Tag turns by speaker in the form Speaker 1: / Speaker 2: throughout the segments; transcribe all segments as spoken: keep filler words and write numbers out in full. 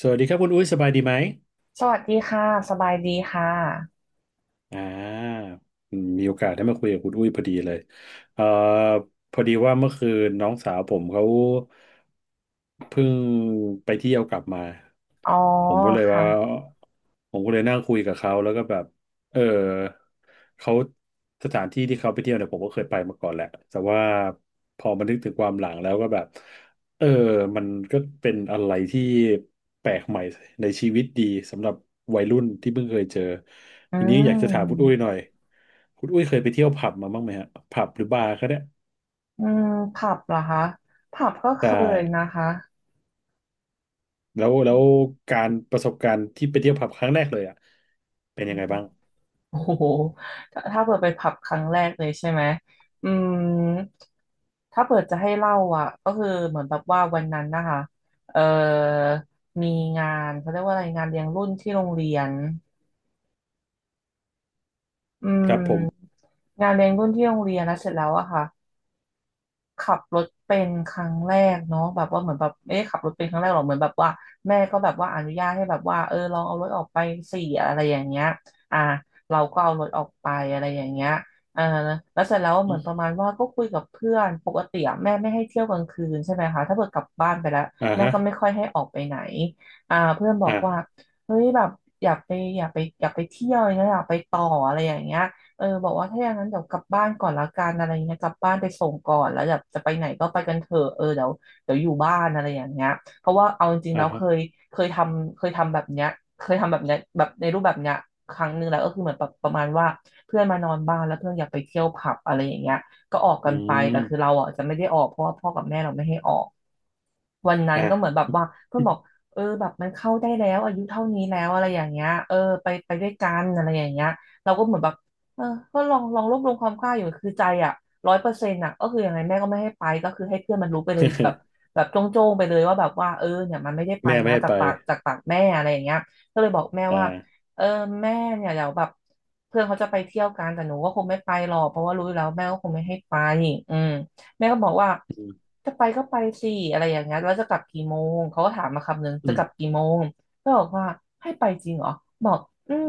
Speaker 1: สวัสดีครับคุณอุ้ยสบายดีไหม
Speaker 2: สวัสดีค่ะสบายดีค่ะ
Speaker 1: อ่าอืมมีโอกาสได้มาคุยกับคุณอุ้ยพอดีเลย เอ่อ พอดีว่าเมื่อคืนน้องสาวผมเขาเพิ่งไปเที่ยวกลับมา
Speaker 2: อ๋อ
Speaker 1: ผมก็เลยว่า
Speaker 2: ค่ะ
Speaker 1: ผมก็เลยนั่งคุยกับเขาแล้วก็แบบเออเขาสถานที่ที่เขาไปเที่ยวเนี่ยผมก็เคยไปมาก่อนแหละแต่ว่าพอมานึกถึงความหลังแล้วก็แบบเออมันก็เป็นอะไรที่แปลกใหม่ในชีวิตดีสำหรับวัยรุ่นที่เพิ่งเคยเจอ
Speaker 2: อื
Speaker 1: ทีนี้อยากจะถามคุณอุ้ย
Speaker 2: ม
Speaker 1: หน่อยคุณอุ้ยเคยไปเที่ยวผับมาบ้างไหมฮะผับหรือบาร์ก็ได้
Speaker 2: อืมผับเหรอคะผับก็เค
Speaker 1: ใช่
Speaker 2: ยนะคะ
Speaker 1: แล้วแล้วการประสบการณ์ที่ไปเที่ยวผับครั้งแรกเลยอ่ะเป็น
Speaker 2: อื
Speaker 1: ยังไง
Speaker 2: ม
Speaker 1: บ้าง
Speaker 2: โอ้โหถ้าถ้าเปิดไปผับครั้งแรกเลยใช่ไหมอืมถ้าเปิดจะให้เล่าอ่ะก็คือเหมือนแบบว่าวันนั้นนะคะเอ่อมีงานเขาเรียกว่าอะไรงานเลี้ยงรุ่นที่โรงเรียนอื
Speaker 1: ครับผม
Speaker 2: มงานเลี้ยงรุ่นที่โรงเรียนแล้วเสร็จแล้วอะค่ะ ขับรถเป็นครั้งแรกเนาะแบบว่าเหมือนแบบเอ๊ะขับรถเป็นครั้งแรกหรอเหมือนแบบว่าแม่ก็แบบว่าอนุญาตให้แบบว่าเออลองเอารถออกไปสี่อะไรอย่างเงี้ยอ่าเราก็เอารถออกไปอะไรอย่างเงี้ยเออแล้วเสร็จแล้วเหมือนประมาณว่าก็คุยกับเพื่อนปกติอะแม่ไม่ให้เที่ยวกลางคืนใช่ไหมคะถ้าเกิดกลับบ้านไปแล้ว
Speaker 1: อ่า
Speaker 2: แม่
Speaker 1: ฮะ
Speaker 2: ก็ไม่ค่อยให้ออกไปไหนอ่าเพื่อนบอก
Speaker 1: อ่า
Speaker 2: ว่าเฮ้ยแบบอยากไปอยากไปอยากไปเที่ยวอย่างเงี้ยอยากไปต่ออะไรอย่างเงี้ย เออบอกว่าถ้าอย่างนั้นเดี๋ยวกลับบ้านก่อนละกันอะไรเงี้ยกลับบ้านไปส่งก่อนแล้วแบบจะไปไหนก็ไปกันเถอะเออเดี๋ยวเดี๋ยวอยู่บ้านอะไรอย่างเงี้ยเพราะว่าเอาจริงๆ
Speaker 1: อ่า
Speaker 2: แล้วเค
Speaker 1: ฮะ
Speaker 2: ยเคยทำเคยทำแบบเนี้ยเคยทำแบบเนี้ยแบบในรูปแบบเนี้ยครั้งหนึ่งแล้วก็คือเหมือนแบบประมาณว่าเพื่อนมานอนบ้านแล้วเพื่อนอยากไปเที่ยวผับอะไรอย่างเงี้ยก็ออกกั
Speaker 1: อื
Speaker 2: นไป
Speaker 1: ม
Speaker 2: แต่คือเราอ่ะจะไม่ได้ออกเพราะว่าพ่อกับแม่เราไม่ให้ออก วันนั้น
Speaker 1: อ่า
Speaker 2: ก็เหมือนแบบว่าเพื่อนบอกเออแบบมันเข้าได้แล้วอายุเท่านี้แล้วอะไรอย่างเงี้ยเออไปไปด้วยกันอะไรอย่างเงี้ยเราก็เหมือนแบบเออก็ลองลองรวบรวมความกล้าอยู่คือใจอ่ะร้อยเปอร์เซ็นต์อ่ะก็คือยังไงแม่ก็ไม่ให้ไปก็คือให้เพื่อนมันรู้ไปเลยแบบ แบบโจ้งๆไปเลยว่าแบบว่าเออเนี่ยมันไม่ได้ไป
Speaker 1: แม่ไม่
Speaker 2: นะ
Speaker 1: ให้
Speaker 2: จาก
Speaker 1: ไป
Speaker 2: ปากจากปากแม่อะไรอย่างเงี้ยก็เลยบอกแม่
Speaker 1: อ่า
Speaker 2: ว่าเออแม่เนี่ยเดี๋ยวแบบเพื่อนเขาจะไปเที่ยวกันแต่หนูก็คงไม่ไปหรอกเพราะว่ารู้อยู่แล้วแม่ก็คงไม่ให้ไปอืม แม่ก็บอกว่า
Speaker 1: อืม
Speaker 2: จะไปก็ไปสิอะไรอย่างเงี้ยแล้วจะกลับกี่โมงเขาก็ถามมาคำนึง
Speaker 1: อื
Speaker 2: จะกลับ
Speaker 1: ม
Speaker 2: กี่โมงก็บอกว่าให้ไปจริงเหรอบอกอืม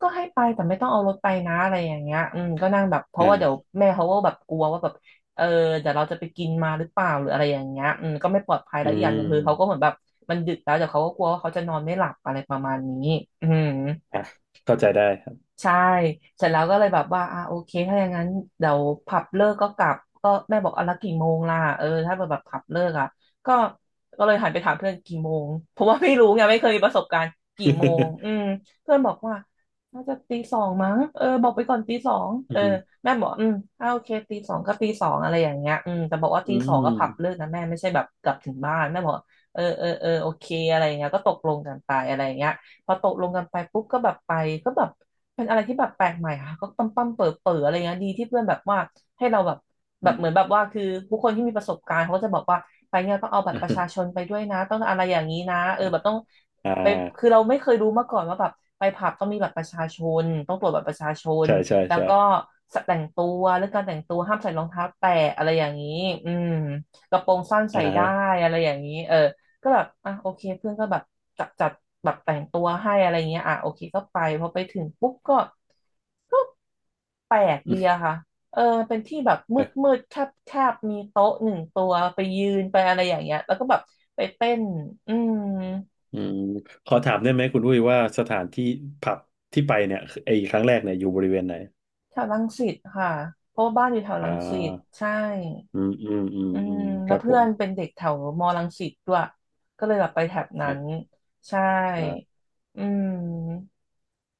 Speaker 2: ก็ให้ไปแต่ไม่ต้องเอารถไปนะอะไรอย่างเงี้ยอืมก็นั่งแบบเพราะว่าเดี๋ยว
Speaker 1: อ่า
Speaker 2: แม่เขาก็แบบกลัวว่าแบบเออเดี๋ยวเราจะไปกินมาหรือเปล่าหรืออะไรอย่างเงี้ยอืมก็ไม่ปลอดภัย
Speaker 1: อื
Speaker 2: แล้วอีกอย่างหนึ่งคือเขาก็เห
Speaker 1: ม
Speaker 2: มือนแบบมันดึกแล้วเดี๋ยวเขาก็กลัวว่าเขาจะนอนไม่หลับอะไรประมาณนี้อืม
Speaker 1: อ่ะเข้าใจได้ครับ
Speaker 2: ใช่เสร็จแล้วก็เลยแบบว่าอ่ะโอเคถ้าอย่างนั้นเดี๋ยวผับเลิกก็กลับก็แม่บอกเอาละกี่โมงล่ะเออถ้าแบบผับเลิกอ่ะก็ก็เลยหันไปถามเพื่อนกี่โมงเพราะว่าไม่รู้ไงไม่เคยมีประสบการณ์กี่โมงอืม เพื่อนบอกว่าน่าจะตีสองมั้งเออบอกไปก่อนตีสอง
Speaker 1: อื
Speaker 2: เออ
Speaker 1: ม
Speaker 2: แม่บอกอืมอ่าโอเคตีสองก็ตีสองอะไรอย่างเงี้ยอืมแต่บอกว่า
Speaker 1: อื
Speaker 2: ตีสองก็ผับเลิ
Speaker 1: ม
Speaker 2: กนะแม่ไม่ใช่แบบกลับถึงบ้านแม่บอกเออเออเออโอเคอะไรอย่างเงี้ยก็ตกลงกันไปอะไรอย่างเงี้ยพอตกลงกันไปปุ๊บก็แบบไปก็แบบ เป็นอะไรที่แบบแปลกใหม่ค่ะก็ปั๊มปั๊มเปิดเปิดอะไรเงี้ยดีที่เพื่อนแบบว่าให้เราแบบแบ
Speaker 1: อื
Speaker 2: บ
Speaker 1: ม
Speaker 2: เหมือนแบบว่าคือผู้คนที่มีประสบการณ์เขาก็จะบอกว่าไปเนี่ยต้องเอาบัตรประชาชนไปด้วยนะต้องอะไรอย่างนี้นะเออแบบต้อง
Speaker 1: อ่
Speaker 2: ไปคือ
Speaker 1: า
Speaker 2: เราไม่เคยรู้มาก่อนว่าแบบไปผับต้องมีบัตรประชาชนต้องตรวจบัตรประชาชน
Speaker 1: ใช่ใช่
Speaker 2: แล้ว
Speaker 1: ใช่
Speaker 2: ก็แต่งตัวเรื่องการแต่งตัวห้ามใส่รองเท้าแตะอะไรอย่างนี้อืมกระโปรงสั้นใส่
Speaker 1: อ่า
Speaker 2: ได้
Speaker 1: ฮะ
Speaker 2: อะไรอย่างนี้เออ ก็แบบอ่ะโอเคเพื่อนก็แบบจัดจัดแบบแต่งตัวให้อะไรเงี้ยอ่ะโอเคก็ไปพอไปถึงปุ๊บก็ก็แปลก
Speaker 1: อื
Speaker 2: ดี
Speaker 1: ม
Speaker 2: อะค่ะเออมันเป็นที่แบบมืดมืดแคบแคบมีโต๊ะหนึ่งตัวไปยืนไปอะไรอย่างเงี้ยแล้วก็แบบไปเต้นอืม
Speaker 1: อืมขอถามได้ไหมคุณอุ้ยว่าสถานที่ผับที่ไปเนี่ยไอ้ครั้งแรกเนี่ยอยู่บริเวณไหน
Speaker 2: แถวรังสิตค่ะเพราะว่าบ้านอยู่แถว
Speaker 1: อ่
Speaker 2: รังสิต
Speaker 1: า
Speaker 2: ใช่
Speaker 1: อืมอืมอืม
Speaker 2: อื
Speaker 1: อื
Speaker 2: ม
Speaker 1: มค
Speaker 2: แล้ว
Speaker 1: รับผ
Speaker 2: เพื่อ
Speaker 1: ม
Speaker 2: นเป็นเด็กแถวมอรังสิตด้วยก็เลยแบบไปแถบนั้
Speaker 1: นะ
Speaker 2: นใช่
Speaker 1: อ่า
Speaker 2: อืม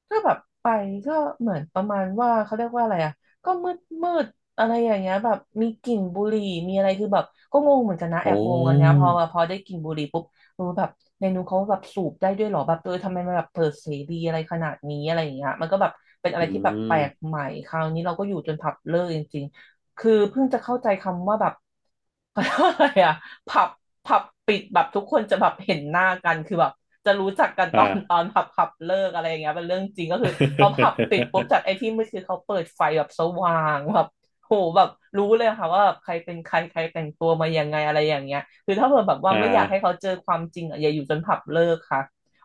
Speaker 2: ก็แบบไปก็เหมือนประมาณว่าเขาเรียกว่าอะไรอ่ะก็มืดมืดอะไรอย่างเงี้ยแบบมีกลิ่นบุหรี่มีอะไรคือแบบก็งงเหมือนกันนะแอบ
Speaker 1: โอ้
Speaker 2: งงอันเนี้ยพอพอได้กลิ่นบุหรี่ปุ๊บเออแบบในนู้นเขาแบบสูบได้ด้วยเหรอแบบเออทำไมมันแบบเปิดเสรีอะไรขนาดนี้อะไรอย่างเงี้ยมันก็แบบเป็นอะไร
Speaker 1: อื
Speaker 2: ที่แบบแปลก
Speaker 1: ม
Speaker 2: ใหม่คราวนี้เราก็อยู่จนผับเลิกจริงๆคือเพิ่งจะเข้าใจคำว่าแบบ เขาเรียกว่าอะไรอ่ะผับผับปิดแบบทุกคนจะแบบเห็นหน้ากันคือแบบจะรู้จักกันตอ
Speaker 1: อ่า
Speaker 2: น ตอนผับผับเลิกอะไรอย่างเงี้ยเป็นเรื่องจริงก็คือพอผับปิดปุ๊บ จากไอ้ที่มืดคือเขาเปิดไฟแบบสว่างแบบโหแบบรู้เลยค่ะว่าแบบใครเป็นใครใครแต่งตัวมายังไงอะไรอย่างเงี้ยคือถ้าเผื่อแบบว่า
Speaker 1: อ่า
Speaker 2: ไม่อยากให้เขาเจอความจริงอะอย่าอยู่จนผับเลิกค่ะ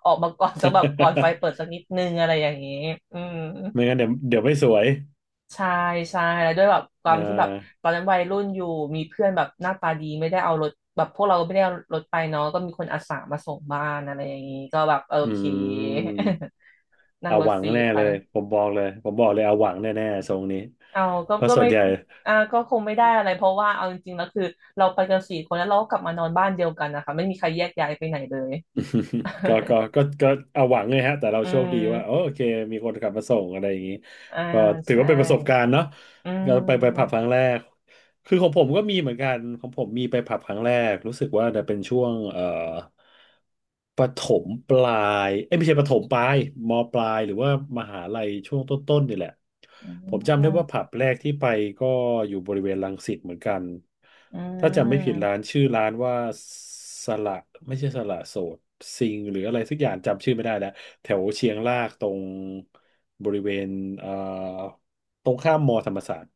Speaker 2: ออกมาก่อนสักแบบก่อนไฟเปิด สักนิดนึงอะไรอย่างเงี้ยอืม
Speaker 1: ไม่งั้นเดี๋ยวเดี๋ยวไม่สวย
Speaker 2: ใช่ใช่แล้วด้วยแบบควา
Speaker 1: อ่
Speaker 2: มที่แบบ
Speaker 1: า
Speaker 2: ตอนนั้นวัยรุ่นอยู่มีเพื่อนแบบหน้าตาดีไม่ได้เอารถแบบพวกเราไม่ได้เอารถไปเนาะก็มีคนอาสามาส่งบ้านอะไรอย่างนี้ก็แบบโอ
Speaker 1: อื
Speaker 2: เค
Speaker 1: ม
Speaker 2: นั่ง
Speaker 1: เอา
Speaker 2: ร
Speaker 1: ห
Speaker 2: ถ
Speaker 1: วั
Speaker 2: ฟ
Speaker 1: ง
Speaker 2: รี
Speaker 1: แน่
Speaker 2: ไป
Speaker 1: เลยผมบอกเลยผมบอกเลยเอาหวังแน่ๆทรงนี้
Speaker 2: เอาก็
Speaker 1: เพราะ
Speaker 2: ก็
Speaker 1: ส่ว
Speaker 2: ไม่
Speaker 1: นใหญ่
Speaker 2: อ่าก็คงไม่ได้อะไรเพราะว่าเอาจริงๆแล้วคือเราไปกันสี่คนแล้วเราก็กลับมานอนบ้านเดียวกันนะคะไม่มีใครแยกย้ายไปไหนเลย
Speaker 1: ก็ก็ก็ ก็เอาหวังเลยฮะแต่เรา
Speaker 2: อื
Speaker 1: โชคดีว่าโอ
Speaker 2: ม
Speaker 1: โอเคมีคนขับมาส่งอะไรอย่างนี้
Speaker 2: อ่า
Speaker 1: ก็ถือ
Speaker 2: ใช่
Speaker 1: ว่าเป็นประสบการณ์เนาะ
Speaker 2: อื
Speaker 1: ก็ไปไปผับค
Speaker 2: ม
Speaker 1: รั้งแรก คือของผมก็มีเหมือนกันของผมมีไปผับครั้งแรกรู้สึกว่าจะเป็นช่วงเอ่อประถมปลายเอ้ยไม่ใช่ประถมปลายมปลายหรือว่ามหาลัยช่วงต้นๆนี่แหละ
Speaker 2: อื
Speaker 1: ผมจำได้ว่า
Speaker 2: ม
Speaker 1: ผับแรกที่ไปก็อยู่บริเวณรังสิตเหมือนกัน
Speaker 2: อื
Speaker 1: ถ้าจำไม่ผิดร้า
Speaker 2: ม
Speaker 1: นชื่อร้านว่าสละไม่ใช่สละโสดซิงหรืออะไรสักอย่างจำชื่อไม่ได้แล้วแถวเชียงรากตรงบริเวณเอ่อ ตรงข้ามมอธรรมศาสตร์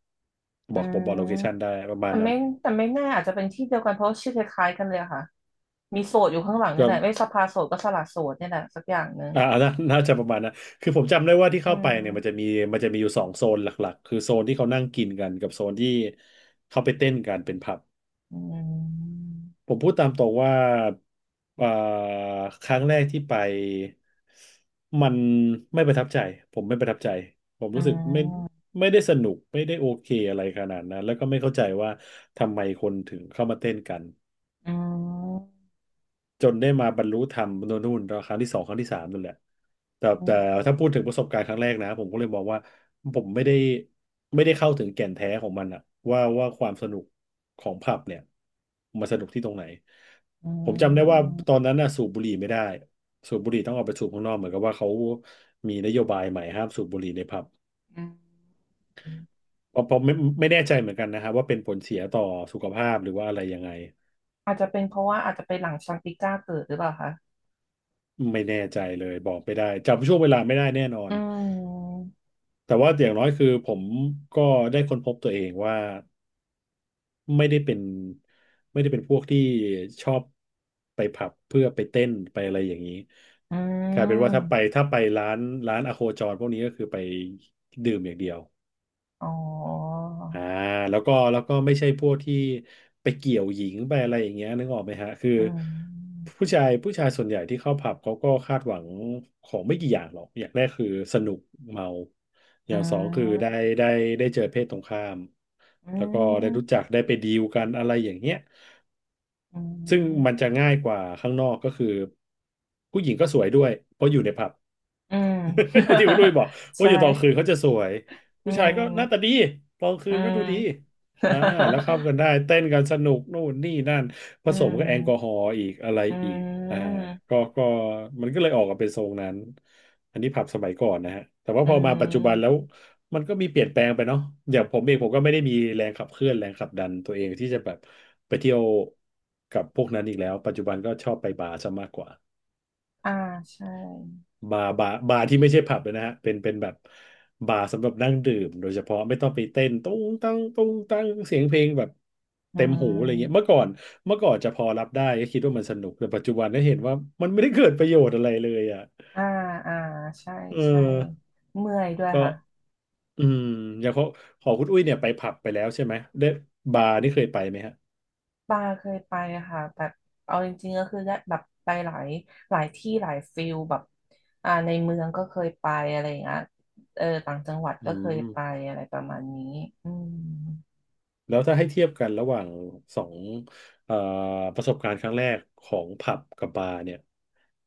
Speaker 1: บ
Speaker 2: อื
Speaker 1: อกผมบอกโล
Speaker 2: ม
Speaker 1: เคชันได้ประมา
Speaker 2: แต่
Speaker 1: ณนั้
Speaker 2: ไม่
Speaker 1: น
Speaker 2: แต่ไม่แน่อาจจะเป็นที่เดียวกันเพราะชื่อคล้ายๆกันเลยอะค่ะมีโสดอยู่ข้างหลังนี่
Speaker 1: ก็
Speaker 2: แหละไม่สภาโสดก็สละโสดนี่แหละสักอย่างหนึ่ง
Speaker 1: อ่าน่าน่าจะประมาณนั้นคือผมจำได้ว่าที่
Speaker 2: อื
Speaker 1: เข้าไปเนี่ยมันจะ
Speaker 2: ม
Speaker 1: มีมันจะมีอยู่สองโซนหลักๆคือโซนที่เขานั่งกินกันกับโซนที่เขาไปเต้นกันเป็นผับ
Speaker 2: อืม
Speaker 1: ผมพูดตามตรงว่าอ่าครั้งแรกที่ไปมันไม่ประทับใจผมไม่ประทับใจผม
Speaker 2: อื
Speaker 1: รู้สึกไม่
Speaker 2: ม
Speaker 1: ไม่ได้สนุกไม่ได้โอเคอะไรขนาดนั้นแล้วก็ไม่เข้าใจว่าทำไมคนถึงเข้ามาเต้นกัน
Speaker 2: อืม
Speaker 1: จนได้มาบรรลุธรรมโน่นนู่นครั้งที่สองครั้งที่สามนั่นแหละแต่
Speaker 2: อืม
Speaker 1: แต่ถ้าพูดถึงประสบการณ์ครั้งแรกนะผมก็เลยมองว่าผมไม่ได้ไม่ได้เข้าถึงแก่นแท้ของมันอะว่าว่าความสนุกของผับเนี่ยมันสนุกที่ตรงไหนผมจำได้ว่าตอนนั้นน่ะสูบบุหรี่ไม่ได้สูบบุหรี่ต้องออกไปสูบข้างนอกเหมือนกับว่าเขามีนโยบายใหม่ห้ามสูบบุหรี่ในผับ
Speaker 2: อืม
Speaker 1: เพราะเพราะไม่ไม่แน่ใจเหมือนกันนะครับว่าเป็นผลเสียต่อสุขภาพหรือว่าอะไรยังไง
Speaker 2: อาจจะเป็นเพราะว่าอาจจะไปหลังชังติก้าเกิดหรือเปล่าคะ
Speaker 1: ไม่แน่ใจเลยบอกไม่ได้จำช่วงเวลาไม่ได้แน่นอ
Speaker 2: อื
Speaker 1: น
Speaker 2: ม
Speaker 1: แต่ว่าอย่างน้อยคือผมก็ได้ค้นพบตัวเองว่าไม่ได้เป็นไม่ได้เป็นพวกที่ชอบไปผับเพื่อไปเต้นไปอะไรอย่างนี้
Speaker 2: อื
Speaker 1: กลายเป็นว่าถ้าไป
Speaker 2: ม
Speaker 1: ถ้าไปร้านร้านอโคจรพวกนี้ก็คือไปดื่มอย่างเดียว
Speaker 2: อ๋อ
Speaker 1: อ่าแล้วก็แล้วก็ไม่ใช่พวกที่ไปเกี่ยวหญิงไปอะไรอย่างเงี้ยนึกออกไหมฮะคือ
Speaker 2: อืม
Speaker 1: ผู้ชายผู้ชายส่วนใหญ่ที่เข้าผับเขาก็คาดหวังของไม่กี่อย่างหรอกอย่างแรกคือสนุกเมาอ
Speaker 2: อื
Speaker 1: ย่างสองคือได้
Speaker 2: ม
Speaker 1: ได้ได้เจอเพศตรงข้าม
Speaker 2: อื
Speaker 1: แล้วก็ได้รู้
Speaker 2: ม
Speaker 1: จักได้ไปดีลกันอะไรอย่างเงี้ย
Speaker 2: อื
Speaker 1: ซึ่ง
Speaker 2: ม
Speaker 1: มันจะง่ายกว่าข้างนอกก็คือผู้หญิงก็สวยด้วยเพราะอยู่ในผับ
Speaker 2: อืม
Speaker 1: ที่คุณลุยบอก ว่า
Speaker 2: ใช่
Speaker 1: อยู่ตอนคืนเขาจะสวย
Speaker 2: อื
Speaker 1: ผู้ชายก็หน้าตา
Speaker 2: ม
Speaker 1: ดีตอนคื
Speaker 2: อื
Speaker 1: นก็ดู
Speaker 2: ม
Speaker 1: ดี อ่าแล้วเข้ากันได้เต้นกันสนุกนู่นนี่นั่นผ
Speaker 2: อื
Speaker 1: สมกับแอลกอฮอ
Speaker 2: ม
Speaker 1: ล์อีกอะไร
Speaker 2: อื
Speaker 1: อีกอ่า
Speaker 2: ม
Speaker 1: ก็ก็มันก็เลยออกมาเป็นทรงนั้นอันนี้ผับสมัยก่อนนะฮะแต่ว่า
Speaker 2: อื
Speaker 1: พอมาปัจจุบันแล้
Speaker 2: ม
Speaker 1: วมันก็มีเปลี่ยนแปลงไปเนาะอย่างผมเองผมก็ไม่ได้มีแรงขับเคลื่อนแรงขับดันตัวเองที่จะแบบไปเที่ยวกับพวกนั้นอีกแล้วปัจจุบันก็ชอบไปบาร์ซะมากกว่า
Speaker 2: อ่าใช่
Speaker 1: บาร์บาร์บาร์ที่ไม่ใช่ผับเลยนะฮะเป็นเป็นแบบบาร์สำหรับนั่งดื่มโดยเฉพาะไม่ต้องไปเต้นตุ้งตั้งตุ้งตั้งเสียงเพลงแบบ
Speaker 2: อื
Speaker 1: เต็มหูอะไรเงี้ย
Speaker 2: ม
Speaker 1: เมื่อก่อนเมื่อก่อนจะพอรับได้ก็คิดว่ามันสนุกแต่ปัจจุบันได้เห็นว่ามันไม่ได้เกิดประโยชน์อะไรเลยอ่ะ
Speaker 2: อ่าอ่าใช่
Speaker 1: เออ
Speaker 2: ใช่เมื่อยด้วย
Speaker 1: ก็
Speaker 2: ค่ะ
Speaker 1: อืมอย่างของของคุณอุ้ยเนี่ยไปผับไปแล้วใช่ไหมได้บาร์นี่เคยไปไหมฮะ
Speaker 2: ป้าเคยไปอะค่ะแบบเอาจริงๆก็คือได้แบบไปหลายหลายที่หลายฟิลแบบอ่าในเมืองก็เคยไปอะไรอย่างเงี้ยเออต่างจังหวัด
Speaker 1: อื
Speaker 2: ก็เคยไป
Speaker 1: ม
Speaker 2: อะไรประมาณนี้อืม
Speaker 1: แล้วถ้าให้เทียบกันระหว่างสองเอ่อประสบการณ์ครั้งแรกของผับกับบาร์เนี่ย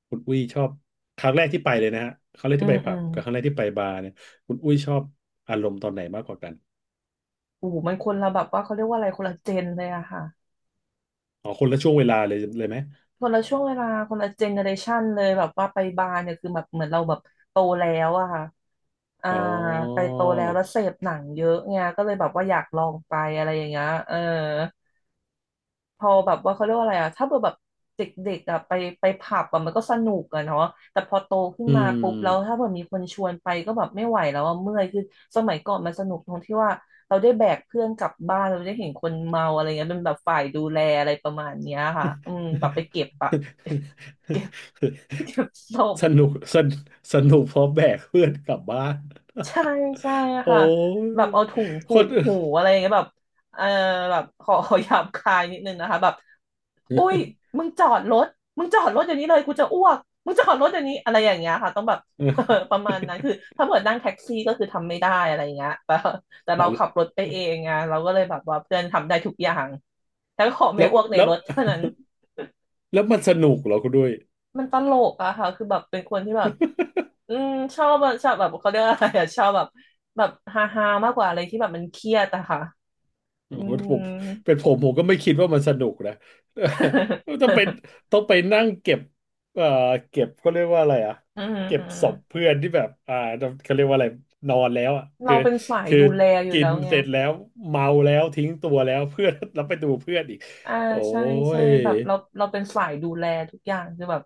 Speaker 1: คุณอุ้ยชอบครั้งแรกที่ไปเลยนะฮะครั้งแรก
Speaker 2: อื
Speaker 1: ที่
Speaker 2: ม
Speaker 1: ไป
Speaker 2: อื
Speaker 1: ผับ
Speaker 2: ม
Speaker 1: กับครั้งแรกที่ไปบาร์เนี่ยคุณอุ้ยชอบอารมณ์ตอนไหนมากกว่ากัน
Speaker 2: โอ้โหมันคนละแบบว่าเขาเรียกว่าอะไรคนละเจนเลยอะค่ะ
Speaker 1: อ๋อคนละช่วงเวลาเลยเลยไหม
Speaker 2: คนละช่วงเวลาคนละเจเนอเรชันเลยแบบว่าไปบาร์เนี่ยคือแบบเหมือนเราแบบโตแล้วอะค่ะอ่า
Speaker 1: อ๋
Speaker 2: ไป
Speaker 1: อ
Speaker 2: โตแล้วแล้วเสพหนังเยอะไงก็เลยแบบว่าอยากลองไปอะไรอย่างเงี้ยเออพอแบบว่าเขาเรียกว่าอะไรอะถ้าเกิดแบบเด็กๆอะไปไปผับอะมันก็สนุกอะเนาะแต่พอโตขึ้น
Speaker 1: อืม
Speaker 2: มาปุ๊บแล้วถ้าเกิดมีคนชวนไปก็แบบไม่ไหวแล้วอะเมื่อยคือสมัยก่อนมันสนุกตรงที่ว่าเราได้แบกเพื่อนกลับบ้านเราได้เห็นคนเมาอะไรเงี้ยเป็นแบบฝ่ายดูแลอะไรประมาณเนี้ยค่ะอืมแบบไปเก็บอะ เก็บศพ
Speaker 1: สนุกสนสนุกเพราะแบกเพื่อนกลับบ้าน
Speaker 2: ใช่ใช่
Speaker 1: โอ้
Speaker 2: ค่ะ
Speaker 1: ย
Speaker 2: แบบเอาถุง
Speaker 1: ค
Speaker 2: ผู
Speaker 1: น
Speaker 2: กหู อะไรอย่างเงี้ยแบบเออแบบขอ ขอหยาบคายนิดนึงนะคะแบบอุ้ยมึงจอดรถมึงจอดรถอย่างนี้เลยกูจะอ้วกมึงจอดรถอย่างนี้อะไรอย่างเงี้ยค่ะต้องแบบ ประมาณนั้นคือถ้าเกิดนั่งแท็กซี่ก็คือทำไม่ได้อะไรอย่างเงี้ย แต่แต่
Speaker 1: อ๋
Speaker 2: เราขับ
Speaker 1: อ
Speaker 2: รถไปเองไงเราก็เลยแบบว่าเพื่อนทำได้ทุกอย่างแต่ขอไม่
Speaker 1: แล้ว
Speaker 2: อ้วกใน
Speaker 1: แล้
Speaker 2: ร
Speaker 1: ว
Speaker 2: ถเท่านั้น
Speaker 1: แล้วมันสนุกเหรอคุณด้วย
Speaker 2: มันตลกอะค่ะคือแบบเป็นคนที่แบบ อืมชอบอะชอบแบบเขาเรียกอะไรอะชอบแบบแบบฮาฮามากกว่าอะไรที่แบบมันเครียดอะค่ะ
Speaker 1: โอ้
Speaker 2: อื
Speaker 1: โห ผ
Speaker 2: ม
Speaker 1: มเป็นผมผมก็ไม่คิดว่ามันสนุกนะ ต้องไปน ต้องไปนั่งเก็บเอ่อเก็บเขาเรียกว่าอะไรอ่ะ
Speaker 2: อืม
Speaker 1: เก็
Speaker 2: อื
Speaker 1: บ
Speaker 2: ม
Speaker 1: ศพเพื่อนที่แบบอ่าเขาเรียกว่าอะไรนอนแล้วอ่ะคื
Speaker 2: เรา
Speaker 1: อ
Speaker 2: เป็นสาย
Speaker 1: คือ
Speaker 2: ดูแลอยู่
Speaker 1: กิน
Speaker 2: แล้วไง
Speaker 1: เสร็จแล้วเมาแล้วทิ้งตัวแล้ว เพื่อนแล้วไปดูเพื่อนอีก
Speaker 2: อ่า
Speaker 1: โอ้
Speaker 2: ใช่ใช่
Speaker 1: ย
Speaker 2: แบบเราเราเป็นสายดูแลทุกอย่างคือแบบ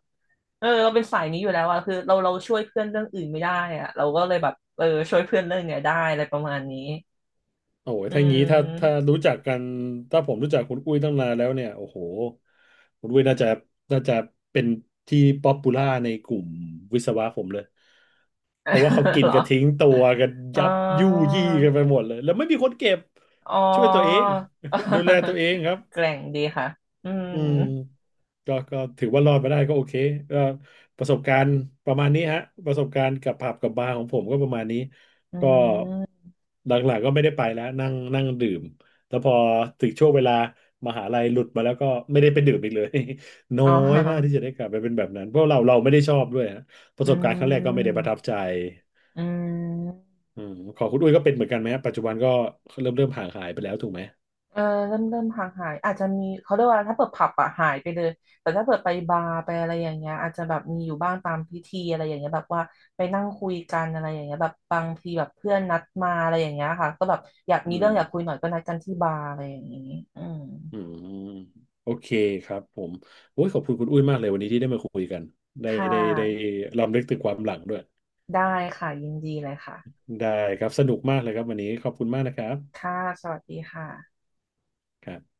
Speaker 2: เออเราเป็นสายนี้อยู่แล้วอะคือเราเราช่วยเพื่อนเรื่องอื่นไม่ได้อะเราก็เลยแบบเออช่วยเพื่อนเรื่องเนี้ยได้อะไรประมาณนี้
Speaker 1: โอ้ย
Speaker 2: อื
Speaker 1: ถ้างี้ถ้าถ้า
Speaker 2: ม
Speaker 1: รู้จักกัน ถ้าผมรู้จักคุณอุ้ยตั้งนานแล้วเนี่ย โอ้โห คุณอุ้ยน่าจะน่าจะเป็นที่ป๊อปปูล่าในกลุ่มวิศวะผมเลย เพราะว่าเขา กิน
Speaker 2: เหรอ
Speaker 1: กันทิ้งตัวกัน
Speaker 2: อ๋อ
Speaker 1: ยับยู่ยี่กันไปหมดเลย แล้วไม่มีคนเก็บ
Speaker 2: อ๋อ
Speaker 1: ช่วยตัวเอง ดูแลตัว เองครับ
Speaker 2: แกร่งดีค่ะอื
Speaker 1: อื
Speaker 2: ม
Speaker 1: มก็ก็ถือว่ารอดมาได้ก็โอเคก็ประสบการณ์ประมาณนี้ฮะประสบการณ์กับผับกับบาร์ของผมก็ประมาณนี้
Speaker 2: อื
Speaker 1: ก็
Speaker 2: ม
Speaker 1: หลังๆก็ไม่ได้ไปแล้วนั่งนั่งดื่มแล้วพอถึงช่วงเวลามหาลัยหลุดมาแล้วก็ไม่ได้ไปดื่มอีกเลย น้อ
Speaker 2: อ๋
Speaker 1: ยมากที่
Speaker 2: อ
Speaker 1: จะได้กลับไปเป็นแบบนั้นเพราะเราเราไม่ได้ชอบด้วยฮะประ
Speaker 2: อื
Speaker 1: สบการณ์ครั้งแรกก็ไม่ได้ป
Speaker 2: ม
Speaker 1: ระทับใจ
Speaker 2: อืม
Speaker 1: อืมของคุณอุ้ยก็เป็นเหมือนกันไหมฮะปัจจุบันก็เริ่มเริ่มห่างหายไปแล้วถูกไหม
Speaker 2: เออเริ่มเริ่มห่างหายอาจจะมีเขาเรียกว่าถ้าเปิดผับอะหายไปเลยแต่ถ้าเปิดไปบาร์ไปอะไรอย่างเงี้ยอาจจะแบบมีอยู่บ้างตามพิธีอะไรอย่างเงี้ยแบบว่าไปนั่งคุยกันอะไรอย่างเงี้ยแบบบางทีแบบเพื่อนนัดมาอะไรอย่างเงี้ยค่ะก็แบบอยาก
Speaker 1: อื
Speaker 2: มีเรื่องอยากคุยห
Speaker 1: ม
Speaker 2: น่อยก็นัดกันที่บาร์อะไรอย่างงี้อืม
Speaker 1: อืมโอเคครับผมโอ้ยขอบคุณคุณอุ้ยมากเลยวันนี้ที่ได้มาคุยกันได้
Speaker 2: ค่
Speaker 1: ได้ได้
Speaker 2: ะ
Speaker 1: รำลึกถึงความหลังด้วย
Speaker 2: ได้ค่ะยินดีเลยค่ะ
Speaker 1: ได้ครับสนุกมากเลยครับวันนี้ขอบคุณมากนะครับ
Speaker 2: ค่ะสวัสดีค่ะ
Speaker 1: ครับ